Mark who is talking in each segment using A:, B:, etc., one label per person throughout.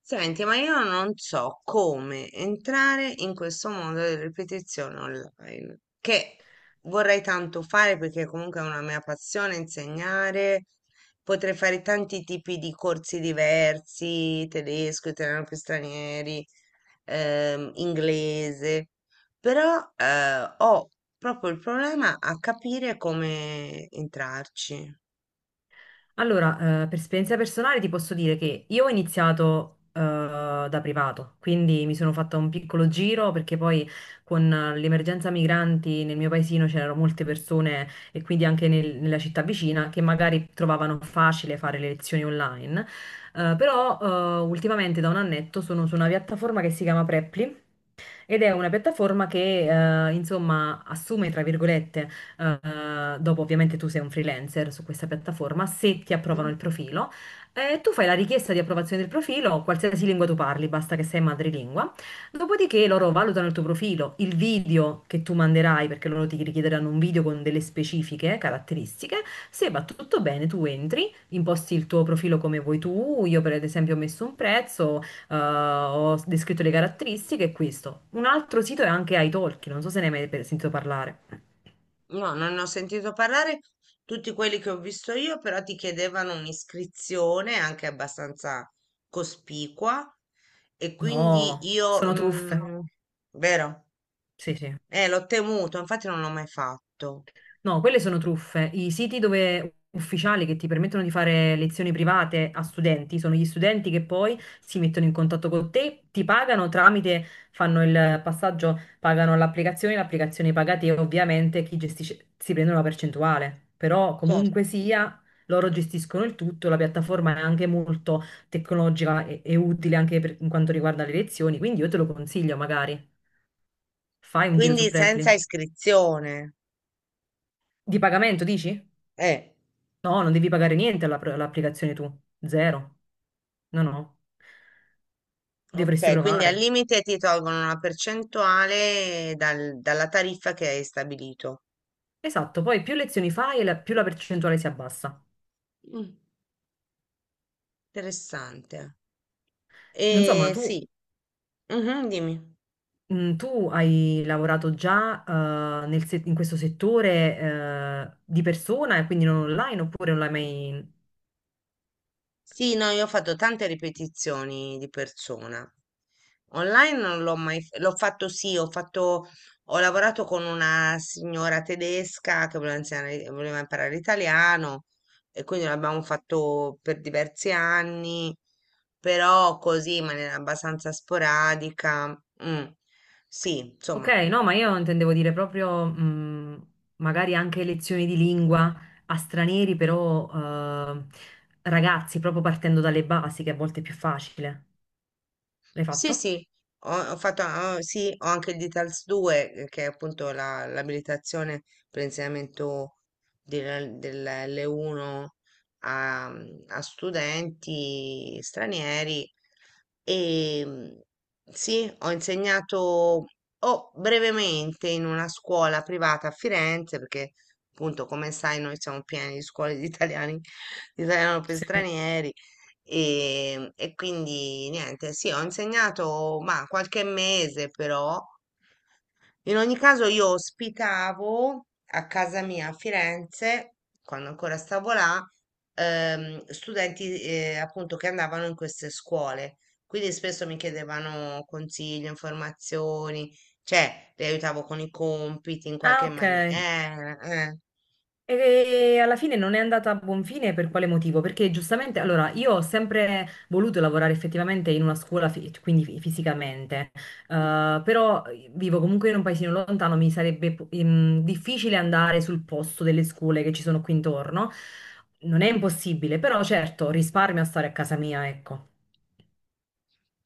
A: Senti, ma io non so come entrare in questo mondo delle ripetizioni online, che vorrei tanto fare perché comunque è una mia passione insegnare. Potrei fare tanti tipi di corsi diversi, tedesco, italiano per stranieri, inglese, però ho proprio il problema a capire come entrarci.
B: Allora, per esperienza personale ti posso dire che io ho iniziato da privato, quindi mi sono fatta un piccolo giro perché poi con l'emergenza migranti nel mio paesino c'erano molte persone e quindi anche nella città vicina che magari trovavano facile fare le lezioni online. Però Ultimamente da un annetto sono su una piattaforma che si chiama Preply ed è una piattaforma che insomma assume, tra virgolette, dopo ovviamente tu sei un freelancer su questa piattaforma, se ti approvano il profilo, tu fai la richiesta di approvazione del profilo, qualsiasi lingua tu parli, basta che sei madrelingua, dopodiché loro valutano il tuo profilo, il video che tu manderai, perché loro ti richiederanno un video con delle specifiche caratteristiche, se va tutto bene tu entri, imposti il tuo profilo come vuoi tu, io per esempio ho messo un prezzo, ho descritto le caratteristiche e questo. Un altro sito è anche italki, non so se ne hai mai sentito parlare.
A: No, non ne ho sentito parlare. Tutti quelli che ho visto io però ti chiedevano un'iscrizione anche abbastanza cospicua e quindi
B: No,
A: io,
B: sono truffe.
A: vero?
B: Sì, sì.
A: L'ho temuto, infatti non l'ho mai fatto.
B: No, quelle sono truffe. I siti ufficiali che ti permettono di fare lezioni private a studenti sono gli studenti che poi si mettono in contatto con te, ti pagano tramite, fanno il passaggio, pagano l'applicazione, l'applicazione paga te, ovviamente chi gestisce si prende una percentuale, però
A: Certo.
B: comunque sia loro gestiscono il tutto, la piattaforma è anche molto tecnologica e utile anche per, in quanto riguarda le lezioni, quindi io te lo consiglio magari. Fai un giro su
A: Quindi
B: Preply.
A: senza iscrizione.
B: Di pagamento, dici?
A: Eh,
B: No, non devi pagare niente all'applicazione tu, zero. No, no, dovresti
A: ok, quindi al
B: provare.
A: limite ti tolgono una percentuale dalla tariffa che hai stabilito.
B: Esatto, poi più lezioni fai e più la percentuale si abbassa.
A: Mm, Interessante.
B: Non so, ma tu,
A: Sì. Mhm, dimmi.
B: tu hai lavorato già nel in questo settore di persona e quindi non online oppure non l'hai mai...
A: Sì, no, io ho fatto tante ripetizioni di persona. Online non l'ho mai, l'ho fatto sì, ho lavorato con una signora tedesca che voleva imparare l'italiano e quindi l'abbiamo fatto per diversi anni, però così in maniera abbastanza sporadica. Mm. Sì,
B: Ok,
A: insomma.
B: no, ma io intendevo dire proprio magari anche lezioni di lingua a stranieri, però eh, ragazzi, proprio partendo dalle basi, che a volte è più facile. L'hai
A: Sì,
B: fatto?
A: sì, sì, ho anche il DITALS 2, che è appunto l'abilitazione per l'insegnamento dell'L1 a, a studenti stranieri. E sì, ho insegnato oh, brevemente in una scuola privata a Firenze, perché appunto, come sai, noi siamo pieni di scuole di italiani, di italiano per
B: Sì.
A: stranieri. E quindi niente, sì, ho insegnato ma qualche mese però. In ogni caso io ospitavo a casa mia a Firenze, quando ancora stavo là, studenti appunto che andavano in queste scuole. Quindi spesso mi chiedevano consigli, informazioni, cioè li aiutavo con i compiti in
B: Ah,
A: qualche
B: ok.
A: maniera.
B: E alla fine non è andata a buon fine per quale motivo? Perché giustamente, allora, io ho sempre voluto lavorare effettivamente in una scuola, quindi fisicamente. Però vivo comunque in un paesino lontano, mi sarebbe difficile andare sul posto delle scuole che ci sono qui intorno. Non è impossibile, però certo, risparmio a stare a casa mia, ecco.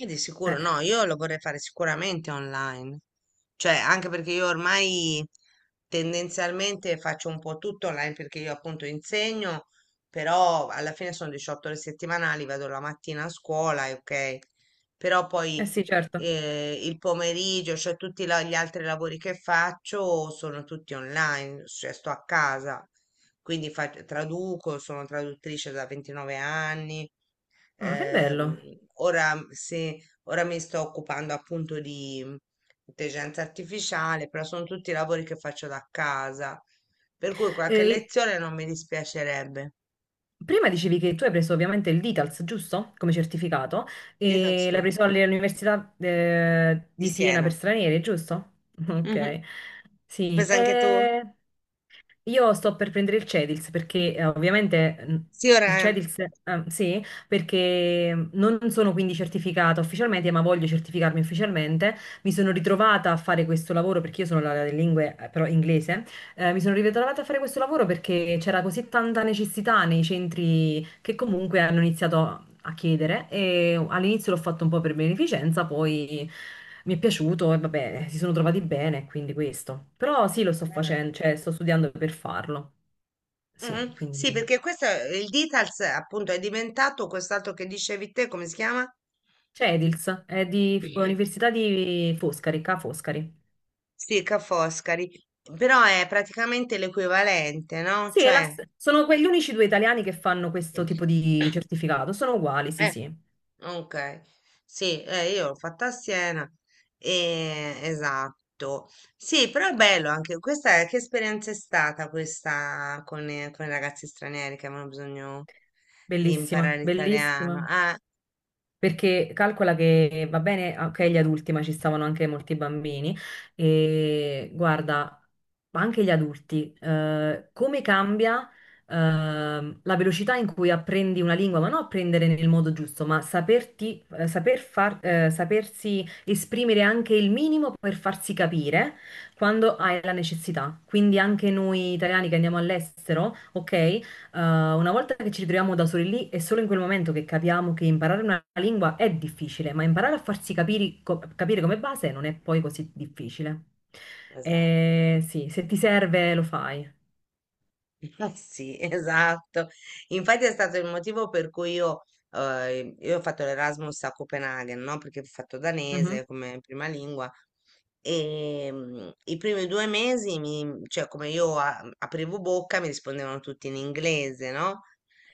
A: E di sicuro
B: Eh,
A: no, io lo vorrei fare sicuramente online, cioè anche perché io ormai tendenzialmente faccio un po' tutto online perché io appunto insegno, però alla fine sono 18 ore settimanali, vado la mattina a scuola, e ok, però
B: eh
A: poi
B: sì, certo.
A: il pomeriggio, cioè tutti gli altri lavori che faccio sono tutti online, cioè sto a casa, quindi traduco, sono traduttrice da 29 anni.
B: Ah, che
A: Ehm,
B: bello.
A: ora, se, ora mi sto occupando appunto di intelligenza artificiale, però sono tutti lavori che faccio da casa, per cui qualche
B: Eh,
A: lezione non mi dispiacerebbe.
B: Prima dicevi che tu hai preso ovviamente il DITALS, giusto? Come certificato,
A: Di senti
B: e
A: tu?
B: l'hai preso all'Università
A: Di
B: di Siena per
A: Siena.
B: stranieri, giusto?
A: Mhm.
B: Ok, sì.
A: Pensa anche tu?
B: Io sto per prendere il Cedils perché ovviamente
A: Sì,
B: il
A: ora.
B: Cedils, sì, perché non sono quindi certificata ufficialmente, ma voglio certificarmi ufficialmente. Mi sono ritrovata a fare questo lavoro perché io sono laureata in lingue, però inglese. Mi sono ritrovata a fare questo lavoro perché c'era così tanta necessità nei centri che comunque hanno iniziato a chiedere e all'inizio l'ho fatto un po' per beneficenza, poi mi è piaciuto e vabbè, si sono trovati bene, quindi questo. Però sì, lo sto
A: Bene.
B: facendo, cioè sto studiando per farlo. Sì,
A: Mhm.
B: quindi
A: Sì, perché questo il Details appunto è diventato quest'altro che dicevi te, come si chiama?
B: c'è Edils, è di Università di Foscari, Ca' Foscari.
A: Sì, Ca' Foscari, però è praticamente l'equivalente, no?
B: Sì, è
A: Cioè,
B: sono quegli unici due italiani che fanno questo tipo di certificato, sono uguali, sì,
A: eh,
B: sì.
A: Ok, sì, io l'ho fatta a Siena, esatto. Sì, però è bello anche questa, che esperienza è stata questa con i ragazzi stranieri che avevano bisogno di imparare
B: Bellissima,
A: l'italiano?
B: bellissima.
A: Ah,
B: Perché calcola che va bene, ok, gli adulti, ma ci stavano anche molti bambini. E guarda, ma anche gli adulti, come cambia, la velocità in cui apprendi una lingua, ma non apprendere nel modo giusto, ma saperti, saper far, sapersi esprimere anche il minimo per farsi capire quando hai la necessità. Quindi anche noi italiani che andiamo all'estero, ok? Uh, una volta che ci ritroviamo da soli lì, è solo in quel momento che capiamo che imparare una lingua è difficile, ma imparare a farsi capire come base non è poi così difficile.
A: esatto.
B: Sì, se ti serve lo fai.
A: Eh sì, esatto. Infatti è stato il motivo per cui io ho fatto l'Erasmus a Copenaghen, no? Perché ho fatto
B: Mhm.
A: danese come prima lingua e i primi 2 mesi, cioè come io aprivo bocca, mi rispondevano tutti in inglese, no?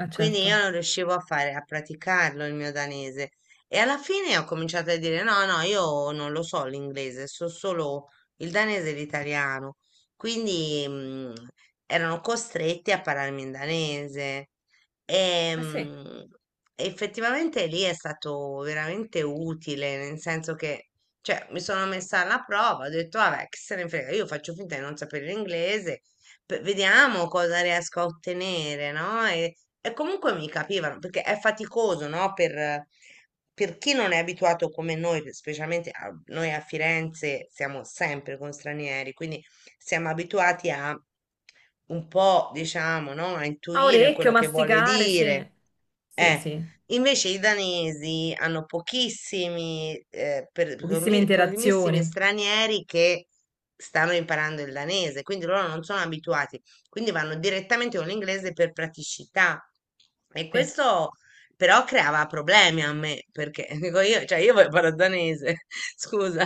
B: Ah,
A: Quindi io
B: certo.
A: non riuscivo a fare, a praticarlo il mio danese. E alla fine ho cominciato a dire no, no, io non lo so l'inglese, so solo il danese e l'italiano. Quindi, erano costretti a parlarmi in danese.
B: Eh sì.
A: Ehm, Effettivamente lì è stato veramente utile, nel senso che, cioè, mi sono messa alla prova, ho detto, vabbè, che se ne frega, io faccio finta di non sapere l'inglese, vediamo cosa riesco a ottenere, no? E comunque mi capivano, perché è faticoso, no? Per chi non è abituato come noi, specialmente noi a Firenze siamo sempre con stranieri, quindi siamo abituati a un po', diciamo, no? A
B: A
A: intuire
B: orecchio,
A: quello che vuole
B: masticare,
A: dire.
B: sì. Sì,
A: Eh,
B: sì.
A: Invece i danesi hanno pochissimi, eh, per-
B: Pochissime
A: pochi- pochissimi
B: interazioni.
A: stranieri che stanno imparando il danese, quindi loro non sono abituati, quindi vanno direttamente con l'inglese per praticità. E
B: Sì.
A: questo però creava problemi a me, perché dico io, cioè io voglio parlare danese, scusa.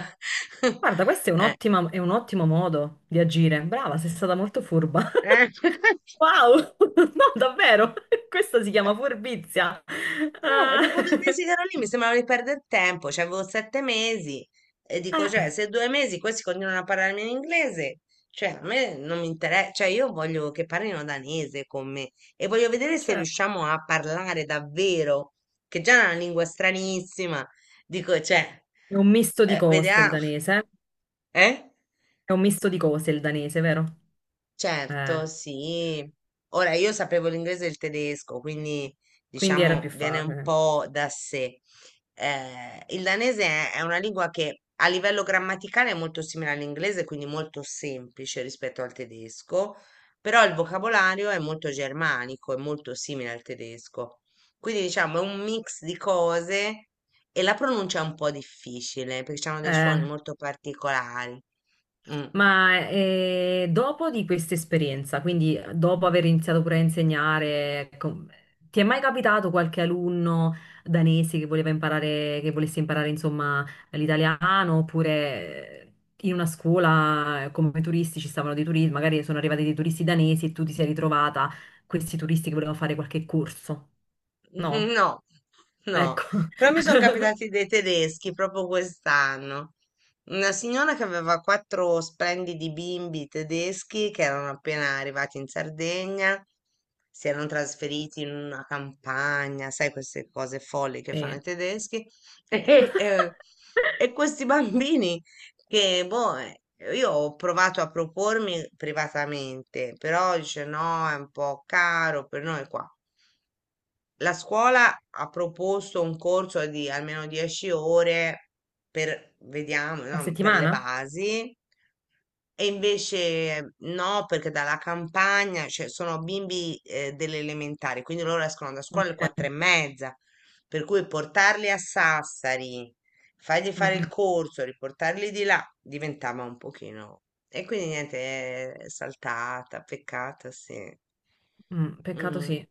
B: Guarda, questo è un
A: Eh.
B: è un ottimo modo di agire. Brava, sei stata molto furba.
A: eh.
B: Wow, no, davvero, questa si chiama furbizia.
A: E
B: Ah,
A: dopo 2 mesi che ero lì mi sembrava di perdere tempo, cioè avevo 7 mesi e dico, cioè,
B: eh,
A: se 2 mesi questi continuano a parlarmi in inglese, cioè a me non mi interessa, cioè io voglio che parlino danese con me e voglio
B: ma
A: vedere se
B: certo.
A: riusciamo a parlare davvero, che già è una lingua stranissima, dico, cioè,
B: È un misto di cose il
A: vediamo,
B: danese, eh?
A: eh?
B: È un misto di cose il danese, vero? Eh,
A: Certo, sì. Ora io sapevo l'inglese e il tedesco, quindi
B: quindi era
A: diciamo
B: più
A: viene un
B: facile.
A: po' da sé. Il danese è una lingua che a livello grammaticale è molto simile all'inglese, quindi molto semplice rispetto al tedesco, però il vocabolario è molto germanico, è molto simile al tedesco. Quindi diciamo è un mix di cose e la pronuncia è un po' difficile perché hanno dei
B: Eh,
A: suoni molto particolari. Mm.
B: Ma dopo di questa esperienza, quindi dopo aver iniziato pure a insegnare, ti è mai capitato qualche alunno danese che voleva imparare, che volesse imparare insomma l'italiano oppure in una scuola come turisti ci stavano dei turisti, magari sono arrivati dei turisti danesi e tu ti sei ritrovata questi turisti che volevano fare qualche corso? No?
A: No,
B: Ecco.
A: no, però mi sono capitati dei tedeschi proprio quest'anno. Una signora che aveva quattro splendidi bimbi tedeschi che erano appena arrivati in Sardegna, si erano trasferiti in una campagna, sai, queste cose folli che fanno
B: Sì.
A: i tedeschi. E, eh, e questi bambini boh, io ho provato a propormi privatamente, però dice no, è un po' caro per noi qua. La scuola ha proposto un corso di almeno 10 ore per, vediamo,
B: A
A: no, per le
B: settimana?
A: basi e invece no, perché dalla campagna, cioè sono bimbi delle elementari, quindi loro escono da scuola alle quattro e
B: Ok.
A: mezza, per cui portarli a Sassari, fargli
B: Mm,
A: fare il
B: mm,
A: corso, riportarli di là, diventava un pochino. E quindi niente, è saltata, peccata, sì.
B: mm. Peccato
A: Mm.
B: sì.